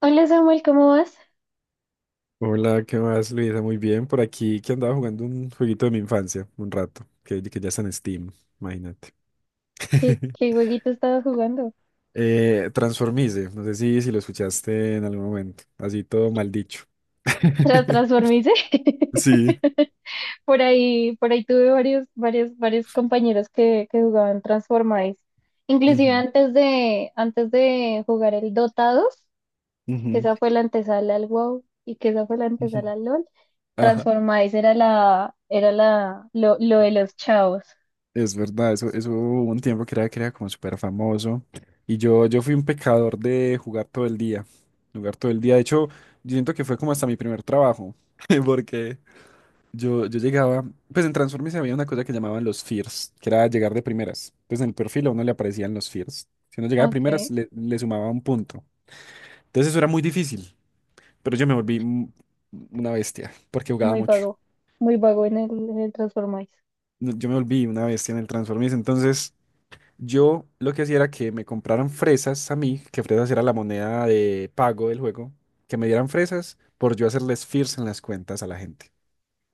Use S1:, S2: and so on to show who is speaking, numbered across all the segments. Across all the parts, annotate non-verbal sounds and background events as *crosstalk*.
S1: Hola Samuel, ¿cómo vas?
S2: Hola, ¿qué más, Luisa? Muy bien, por aquí que andaba jugando un jueguito de mi infancia, un rato, que ya está en Steam, imagínate.
S1: ¿Qué,
S2: *laughs*
S1: qué jueguito estabas jugando?
S2: Transformice, no sé si lo escuchaste en algún momento, así todo mal dicho.
S1: ¿Tra
S2: *laughs*
S1: transformice?
S2: Sí.
S1: *laughs* Por ahí tuve varios compañeros que jugaban Transformice. Inclusive
S2: Ujú,
S1: antes de jugar el Dota 2, que
S2: ujú,
S1: esa fue la antesala al WoW y que esa fue la
S2: ujú.
S1: antesala al LoL,
S2: Ajá,
S1: Transformice era lo de los chavos.
S2: es verdad, eso hubo un tiempo que era como súper famoso. Y yo fui un pecador de jugar todo el día, jugar todo el día. De hecho, yo siento que fue como hasta mi primer trabajo, *laughs* porque... Yo llegaba, pues en Transformers había una cosa que llamaban los fears, que era llegar de primeras. Entonces en el perfil a uno le aparecían los fears. Si uno llegaba de primeras,
S1: Ok.
S2: le sumaba un punto. Entonces eso era muy difícil, pero yo me volví una bestia, porque jugaba
S1: Muy
S2: mucho.
S1: vago, Muy vago en el Transformice.
S2: No, yo me volví una bestia en el Transformers. Entonces yo lo que hacía era que me compraran fresas a mí, que fresas era la moneda de pago del juego, que me dieran fresas por yo hacerles fears en las cuentas a la gente.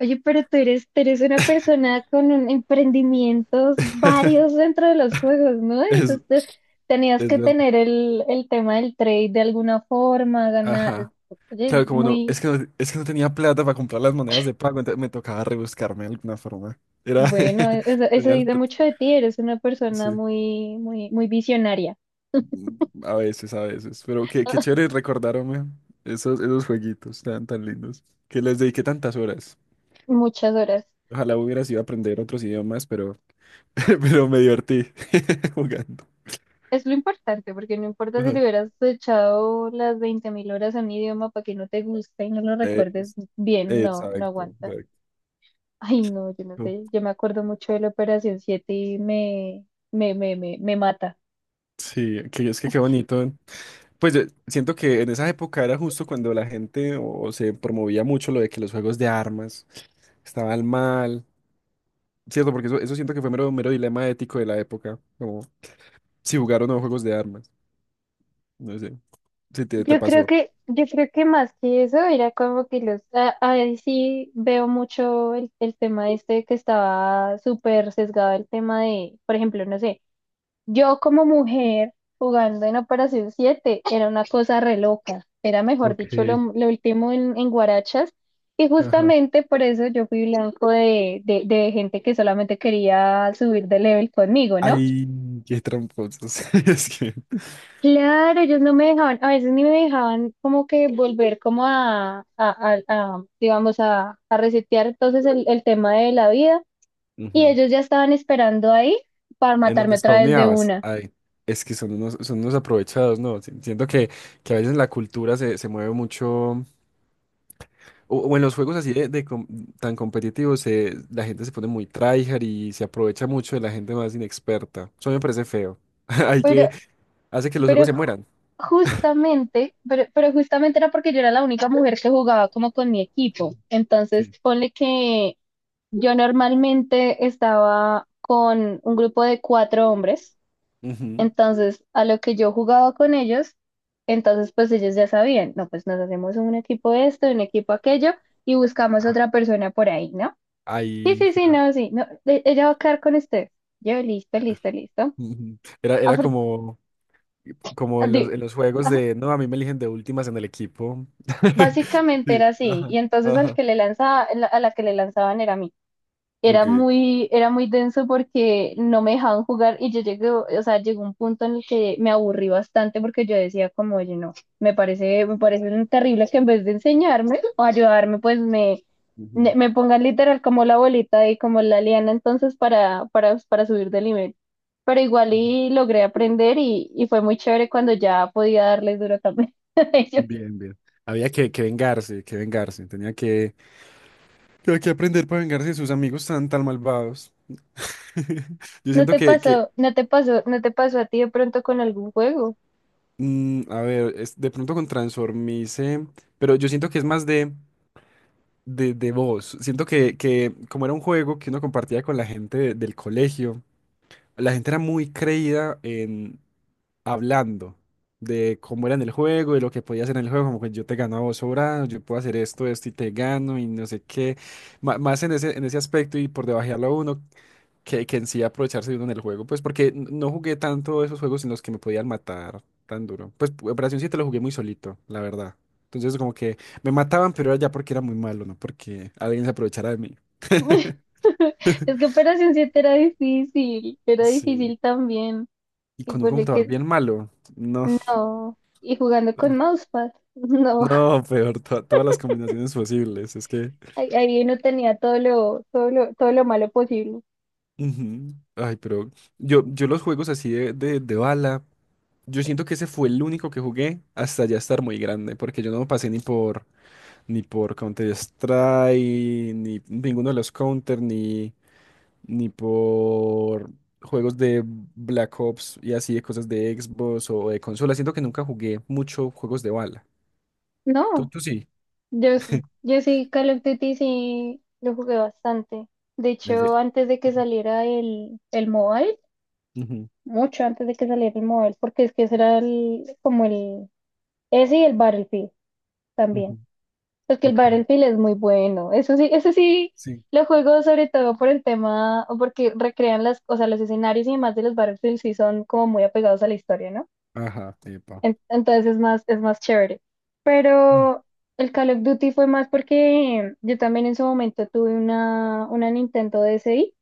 S1: Oye, tú eres una persona con emprendimientos varios
S2: *laughs*
S1: dentro de los juegos, ¿no?
S2: Es,
S1: Entonces tú tenías
S2: es
S1: que
S2: verdad.
S1: tener el tema del trade de alguna forma, ganar.
S2: Ajá.
S1: Oye, es
S2: Claro, como no,
S1: muy
S2: es que no, es que no tenía plata para comprar las monedas de pago, entonces me tocaba rebuscarme de alguna forma. Era,
S1: bueno,
S2: *laughs*
S1: eso
S2: tenía el,
S1: dice
S2: t-
S1: mucho de ti, eres una persona
S2: sí.
S1: muy visionaria.
S2: A veces, pero qué, qué chévere
S1: *laughs*
S2: recordar, hombre, esos, esos jueguitos tan, tan lindos, que les dediqué tantas horas.
S1: Muchas horas.
S2: Ojalá hubiera sido aprender otros idiomas, pero, *laughs* pero me divertí *laughs* jugando.
S1: Es lo importante, porque no importa si le
S2: Ajá.
S1: hubieras echado las 20.000 horas a un idioma para que no te guste y no lo recuerdes
S2: Es-
S1: bien, no
S2: exacto,
S1: aguanta.
S2: exacto.
S1: Ay, no, yo no sé. Yo me acuerdo mucho de la Operación Siete y me mata.
S2: Sí, que es que qué bonito. Pues yo siento que en esa época era justo cuando la gente o se promovía mucho lo de que los juegos de armas estaban mal, ¿cierto? Porque eso siento que fue mero, mero dilema ético de la época, como si jugar o no juegos de armas, no sé, si te pasó.
S1: Yo creo que más que eso era como que ahí sí veo mucho el tema este que estaba súper sesgado el tema de, por ejemplo, no sé. Yo como mujer jugando en Operación 7 era una cosa re loca, era mejor
S2: Ok.
S1: dicho lo último en guarachas y
S2: Ajá.
S1: justamente por eso yo fui blanco de, de gente que solamente quería subir de level conmigo, ¿no?
S2: Ay, qué tramposos. *laughs* Es que.
S1: Claro, ellos no me dejaban, a veces ni me dejaban como que volver como a, digamos, a resetear entonces el tema de la vida y
S2: Ujú.
S1: ellos ya estaban esperando ahí para
S2: En
S1: matarme
S2: donde
S1: otra vez de
S2: spawneabas.
S1: una.
S2: Ay, es que son unos aprovechados, ¿no? Siento que a veces la cultura se mueve mucho. O en los juegos así de, tan competitivos, la gente se pone muy tryhard y se aprovecha mucho de la gente más inexperta. Eso me parece feo. *laughs* Hay
S1: pero
S2: que, hace que los
S1: Pero
S2: juegos se
S1: ju-
S2: mueran.
S1: Justamente, pero justamente era porque yo era la única mujer que jugaba como con mi equipo. Entonces,
S2: Sí.
S1: ponle que yo normalmente estaba con un grupo de 4 hombres.
S2: Ujú.
S1: Entonces, a lo que yo jugaba con ellos, entonces pues ellos ya sabían, no, pues nos hacemos un equipo de esto, un equipo aquello y buscamos
S2: Ah,
S1: otra persona por ahí, ¿no?
S2: ahí
S1: Ella va a quedar con usted. Yo, listo, listo, listo.
S2: *laughs* ujú, era, era
S1: Afor-
S2: como, como
S1: di-
S2: en los juegos
S1: ajá.
S2: de, no, a mí me eligen de últimas en el equipo. *laughs*
S1: Básicamente era
S2: Sí,
S1: así,
S2: ajá,
S1: y entonces al
S2: ajá.
S1: que le lanzaba, a la que le lanzaban era a mí.
S2: Ok.
S1: Era muy denso porque no me dejaban jugar y yo llegué, o sea, llegó un punto en el que me aburrí bastante porque yo decía como, oye, no, me parece terrible que en vez de enseñarme o ayudarme, me
S2: Ujú,
S1: me pongan literal como la bolita y como la liana entonces para subir de nivel. Pero igual
S2: ujú.
S1: y logré aprender y fue muy chévere cuando ya podía darles duro también *laughs* a ellos.
S2: Bien, bien. Había que vengarse, que vengarse. Tenía que aprender para vengarse de sus amigos tan, tan malvados. *laughs* Yo siento que
S1: No te pasó a ti de pronto con algún juego?
S2: a ver, es, de pronto con Transformice, pero yo siento que es más de voz. Siento que como era un juego que uno compartía con la gente del colegio, la gente era muy creída en hablando de cómo era en el juego, de lo que podía hacer en el juego, como que yo te gano a vos sobrado, yo puedo hacer esto, esto y te gano y no sé qué. Más en ese aspecto y por debajearlo a uno, que en sí aprovecharse de uno en el juego, pues porque no jugué tanto esos juegos en los que me podían matar tan duro. Pues Operación 7 lo jugué muy solito, la verdad. Entonces como que me mataban, pero era ya porque era muy malo, ¿no? Porque alguien se aprovechara de mí.
S1: *laughs* Es que
S2: *laughs*
S1: Operación siete era
S2: Sí.
S1: difícil también.
S2: Y
S1: Y
S2: con un
S1: ponle
S2: computador
S1: que
S2: bien malo, no.
S1: no. Y jugando con
S2: No,
S1: mousepad, *laughs* no.
S2: no, peor, todas las combinaciones posibles. Es que.
S1: Ahí uno tenía todo lo malo posible.
S2: Ujú. Ay, pero yo los juegos así de bala, yo siento que ese fue el único que jugué hasta ya estar muy grande, porque yo no pasé ni por ni por Counter-Strike, ni ninguno de los Counter, ni, ni por juegos de Black Ops y así de cosas de Xbox o de consola. Siento que nunca jugué mucho juegos de bala. Tú,
S1: No,
S2: tú sí.
S1: yo sí.
S2: *laughs*
S1: Yo sí, Call of Duty sí lo jugué bastante. De
S2: El
S1: hecho,
S2: de.
S1: antes de que saliera el mobile,
S2: Ujú,
S1: mucho antes de que saliera el mobile, porque es que ese era ese y el Battlefield. También.
S2: ujú,
S1: Porque el
S2: ok.
S1: Battlefield es muy bueno. Eso sí
S2: Sí.
S1: lo juego sobre todo por el tema, o porque recrean las, o sea, los escenarios y demás de los Battlefield sí son como muy apegados a la historia, ¿no?
S2: Ajá, epa.
S1: Es más chévere.
S2: Ujú,
S1: Pero el Call of Duty fue más porque yo también en su momento tuve una Nintendo DSi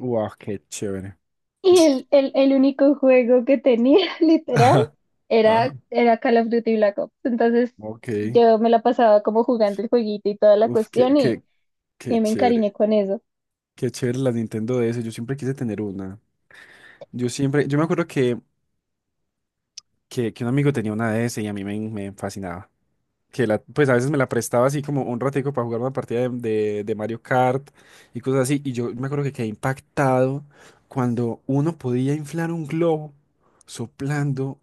S2: wow, qué chévere.
S1: *laughs* y
S2: *laughs*
S1: el único juego que tenía, *laughs* literal,
S2: Ajá. Ajá.
S1: era Call of Duty Black Ops. Entonces
S2: Ok.
S1: yo me la pasaba como jugando el jueguito y toda la
S2: Uf, qué,
S1: cuestión.
S2: qué, qué
S1: Y me
S2: chévere.
S1: encariñé con eso.
S2: Qué chévere la Nintendo DS. Yo siempre quise tener una. Yo siempre, yo me acuerdo que un amigo tenía una DS y a mí me, me fascinaba. Que la, pues a veces me la prestaba así como un ratico para jugar una partida de, de Mario Kart y cosas así. Y yo me acuerdo que quedé impactado cuando uno podía inflar un globo soplando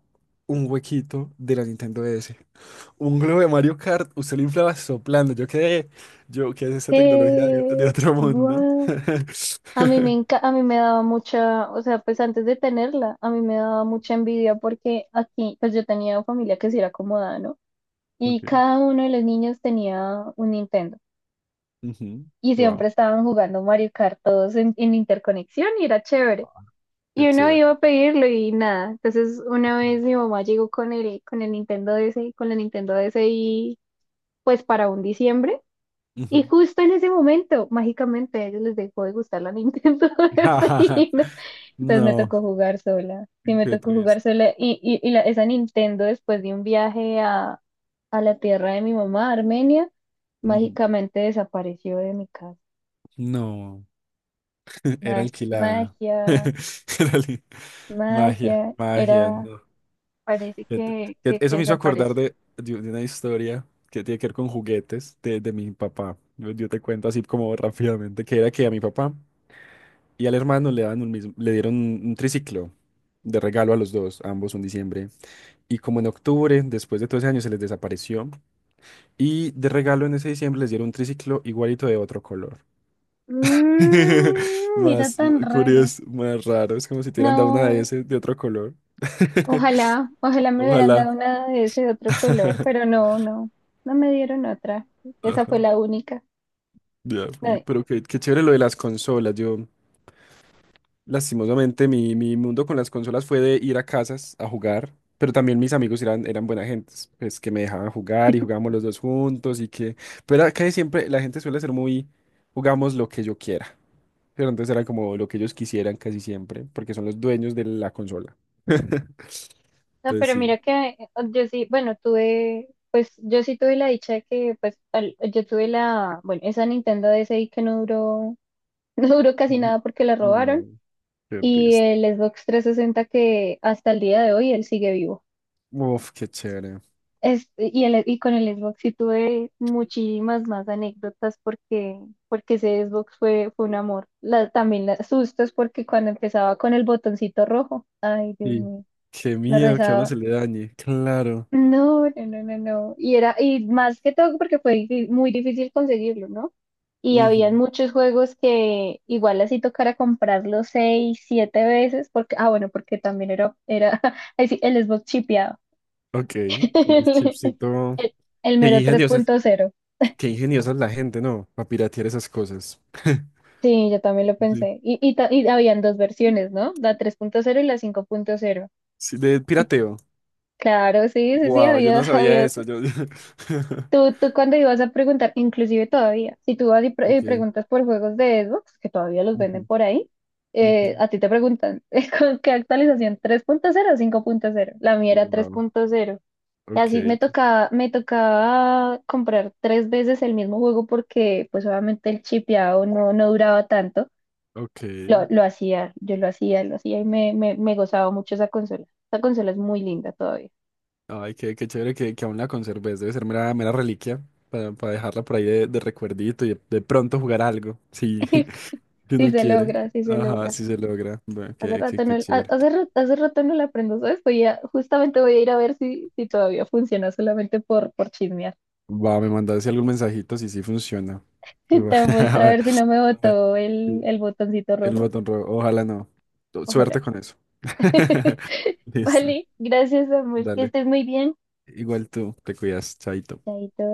S2: un huequito de la Nintendo DS. Un globo de Mario Kart, usted lo inflaba soplando. Yo quedé, yo, ¿qué es esta tecnología de otro mundo?
S1: Guau. A mí
S2: *laughs*
S1: a mí me daba mucha, o sea, pues antes de tenerla, a mí me daba mucha envidia porque aquí, pues yo tenía familia que sí era acomodada, ¿no? Y
S2: Okay.
S1: cada uno de los niños tenía un Nintendo y
S2: Wow,
S1: siempre estaban jugando Mario Kart todos en interconexión y era chévere.
S2: qué
S1: Y uno iba
S2: chévere.
S1: a pedirlo y nada. Entonces una vez mi mamá llegó con el Nintendo DS, con la Nintendo DS y pues para un diciembre. Y
S2: Ujú.
S1: justo en ese momento, mágicamente, a ellos les dejó de gustar la Nintendo *laughs* de Sabrina.
S2: *laughs*
S1: Entonces me
S2: No.
S1: tocó jugar sola. Sí, me
S2: Qué
S1: tocó jugar
S2: triste.
S1: sola. Esa Nintendo, después de un viaje a la tierra de mi mamá, Armenia,
S2: Ujú.
S1: mágicamente desapareció de mi casa.
S2: No, *laughs* era
S1: Magia,
S2: alquilada.
S1: magia,
S2: *laughs* Era li- magia,
S1: magia.
S2: magia, no.
S1: Parece
S2: Que te- que
S1: que
S2: eso me hizo acordar
S1: desapareció.
S2: de una historia que tiene que ver con juguetes de mi papá. Yo te cuento así como rápidamente, que era que a mi papá y al hermano le dan un mismo, le dieron un triciclo de regalo a los dos, ambos un diciembre. Y como en octubre, después de 12 años, se les desapareció. Y de regalo en ese diciembre les dieron un triciclo igualito de otro color. *laughs*
S1: Mm, mira
S2: Más
S1: tan raro.
S2: curioso, más raro. Es como si te hubieran dado una de
S1: No.
S2: ese de otro color. *laughs*
S1: Ojalá me hubieran
S2: Ojalá.
S1: dado una de ese otro color, pero
S2: *laughs*
S1: no, no me dieron otra. Esa
S2: Ajá,
S1: fue la única.
S2: ya,
S1: No,
S2: pero qué, qué chévere lo de las consolas. Yo, lastimosamente, mi mundo con las consolas fue de ir a casas a jugar, pero también mis amigos eran, eran buena gente, pues que me dejaban jugar y jugábamos los dos juntos y que, pero era que siempre la gente suele ser muy, jugamos lo que yo quiera, pero entonces era como lo que ellos quisieran casi siempre, porque son los dueños de la consola. *laughs*
S1: no,
S2: Entonces
S1: pero
S2: sí.
S1: mira que yo sí, bueno, tuve, pues yo sí tuve la dicha de que, pues al- yo tuve bueno, esa Nintendo DSi que no duró, *laughs* no duró casi
S2: No,
S1: nada porque la robaron
S2: qué
S1: y
S2: triste.
S1: el Xbox 360 que hasta el día de hoy él sigue vivo.
S2: Uf, qué chévere.
S1: Y con el Xbox sí tuve muchísimas más anécdotas porque, porque ese Xbox fue un amor. También los sustos porque cuando empezaba con el botoncito rojo, ay Dios
S2: Sí,
S1: mío,
S2: qué
S1: me
S2: miedo que a uno
S1: rezaba.
S2: se le dañe. Claro.
S1: No. Y era, y más que todo porque fue muy difícil conseguirlo, ¿no? Y habían
S2: Ujú.
S1: muchos juegos que igual así tocara comprarlos seis, siete veces, porque, ah, bueno, porque también era *laughs* ahí sí, el Xbox chipeado.
S2: Ok, con el
S1: *laughs*
S2: chipsito.
S1: El, el
S2: Qué
S1: mero tres
S2: ingeniosa,
S1: punto cero.
S2: qué ingeniosa es la gente, ¿no? Para piratear esas cosas. *laughs*
S1: Sí, yo también lo
S2: Sí.
S1: pensé. Y habían dos versiones, ¿no? La tres punto cero y la cinco punto cero.
S2: Sí, de
S1: Y
S2: pirateo.
S1: claro, sí,
S2: Wow, yo
S1: había,
S2: no
S1: *laughs*
S2: sabía
S1: había
S2: eso.
S1: eso.
S2: Yo... *laughs*
S1: Tú cuando ibas a preguntar, inclusive todavía, si tú vas y
S2: Ok.
S1: preguntas por juegos de Xbox, que todavía los venden
S2: Ujú,
S1: por ahí,
S2: ujú.
S1: a ti te preguntan, *laughs* ¿con qué actualización? ¿Tres punto cero o cinco punto cero? La mía era tres
S2: Wow.
S1: punto cero. Y así
S2: Ok.
S1: me tocaba comprar 3 veces el mismo juego porque pues obviamente el chipeado no, no duraba tanto.
S2: Ok.
S1: Yo lo hacía y me gozaba mucho esa consola. Esa consola es muy linda todavía.
S2: Ay, qué, qué chévere que aún la conserves. Debe ser mera, mera reliquia para dejarla por ahí de recuerdito y de pronto jugar algo. Sí,
S1: *laughs*
S2: *laughs* si uno quiere.
S1: Sí se
S2: Ajá,
S1: logra.
S2: sí se logra. Bueno, qué, qué, qué chévere.
S1: Hace rato no la aprendo, ¿sabes? Justamente voy a ir a ver si todavía funciona solamente por chismear.
S2: Va, me mandaste algún mensajito si sí funciona.
S1: *laughs* Te
S2: *laughs* A
S1: muestra a
S2: ver,
S1: ver si no me
S2: a ver.
S1: botó
S2: Sí,
S1: el botoncito
S2: el
S1: rojo.
S2: botón rojo. Ojalá no.
S1: Ojalá.
S2: Suerte con eso. *laughs*
S1: *laughs*
S2: Listo.
S1: Vale, gracias, amor. Que
S2: Dale.
S1: estés muy bien.
S2: Igual tú. Te cuidas, chaito.
S1: Chaito.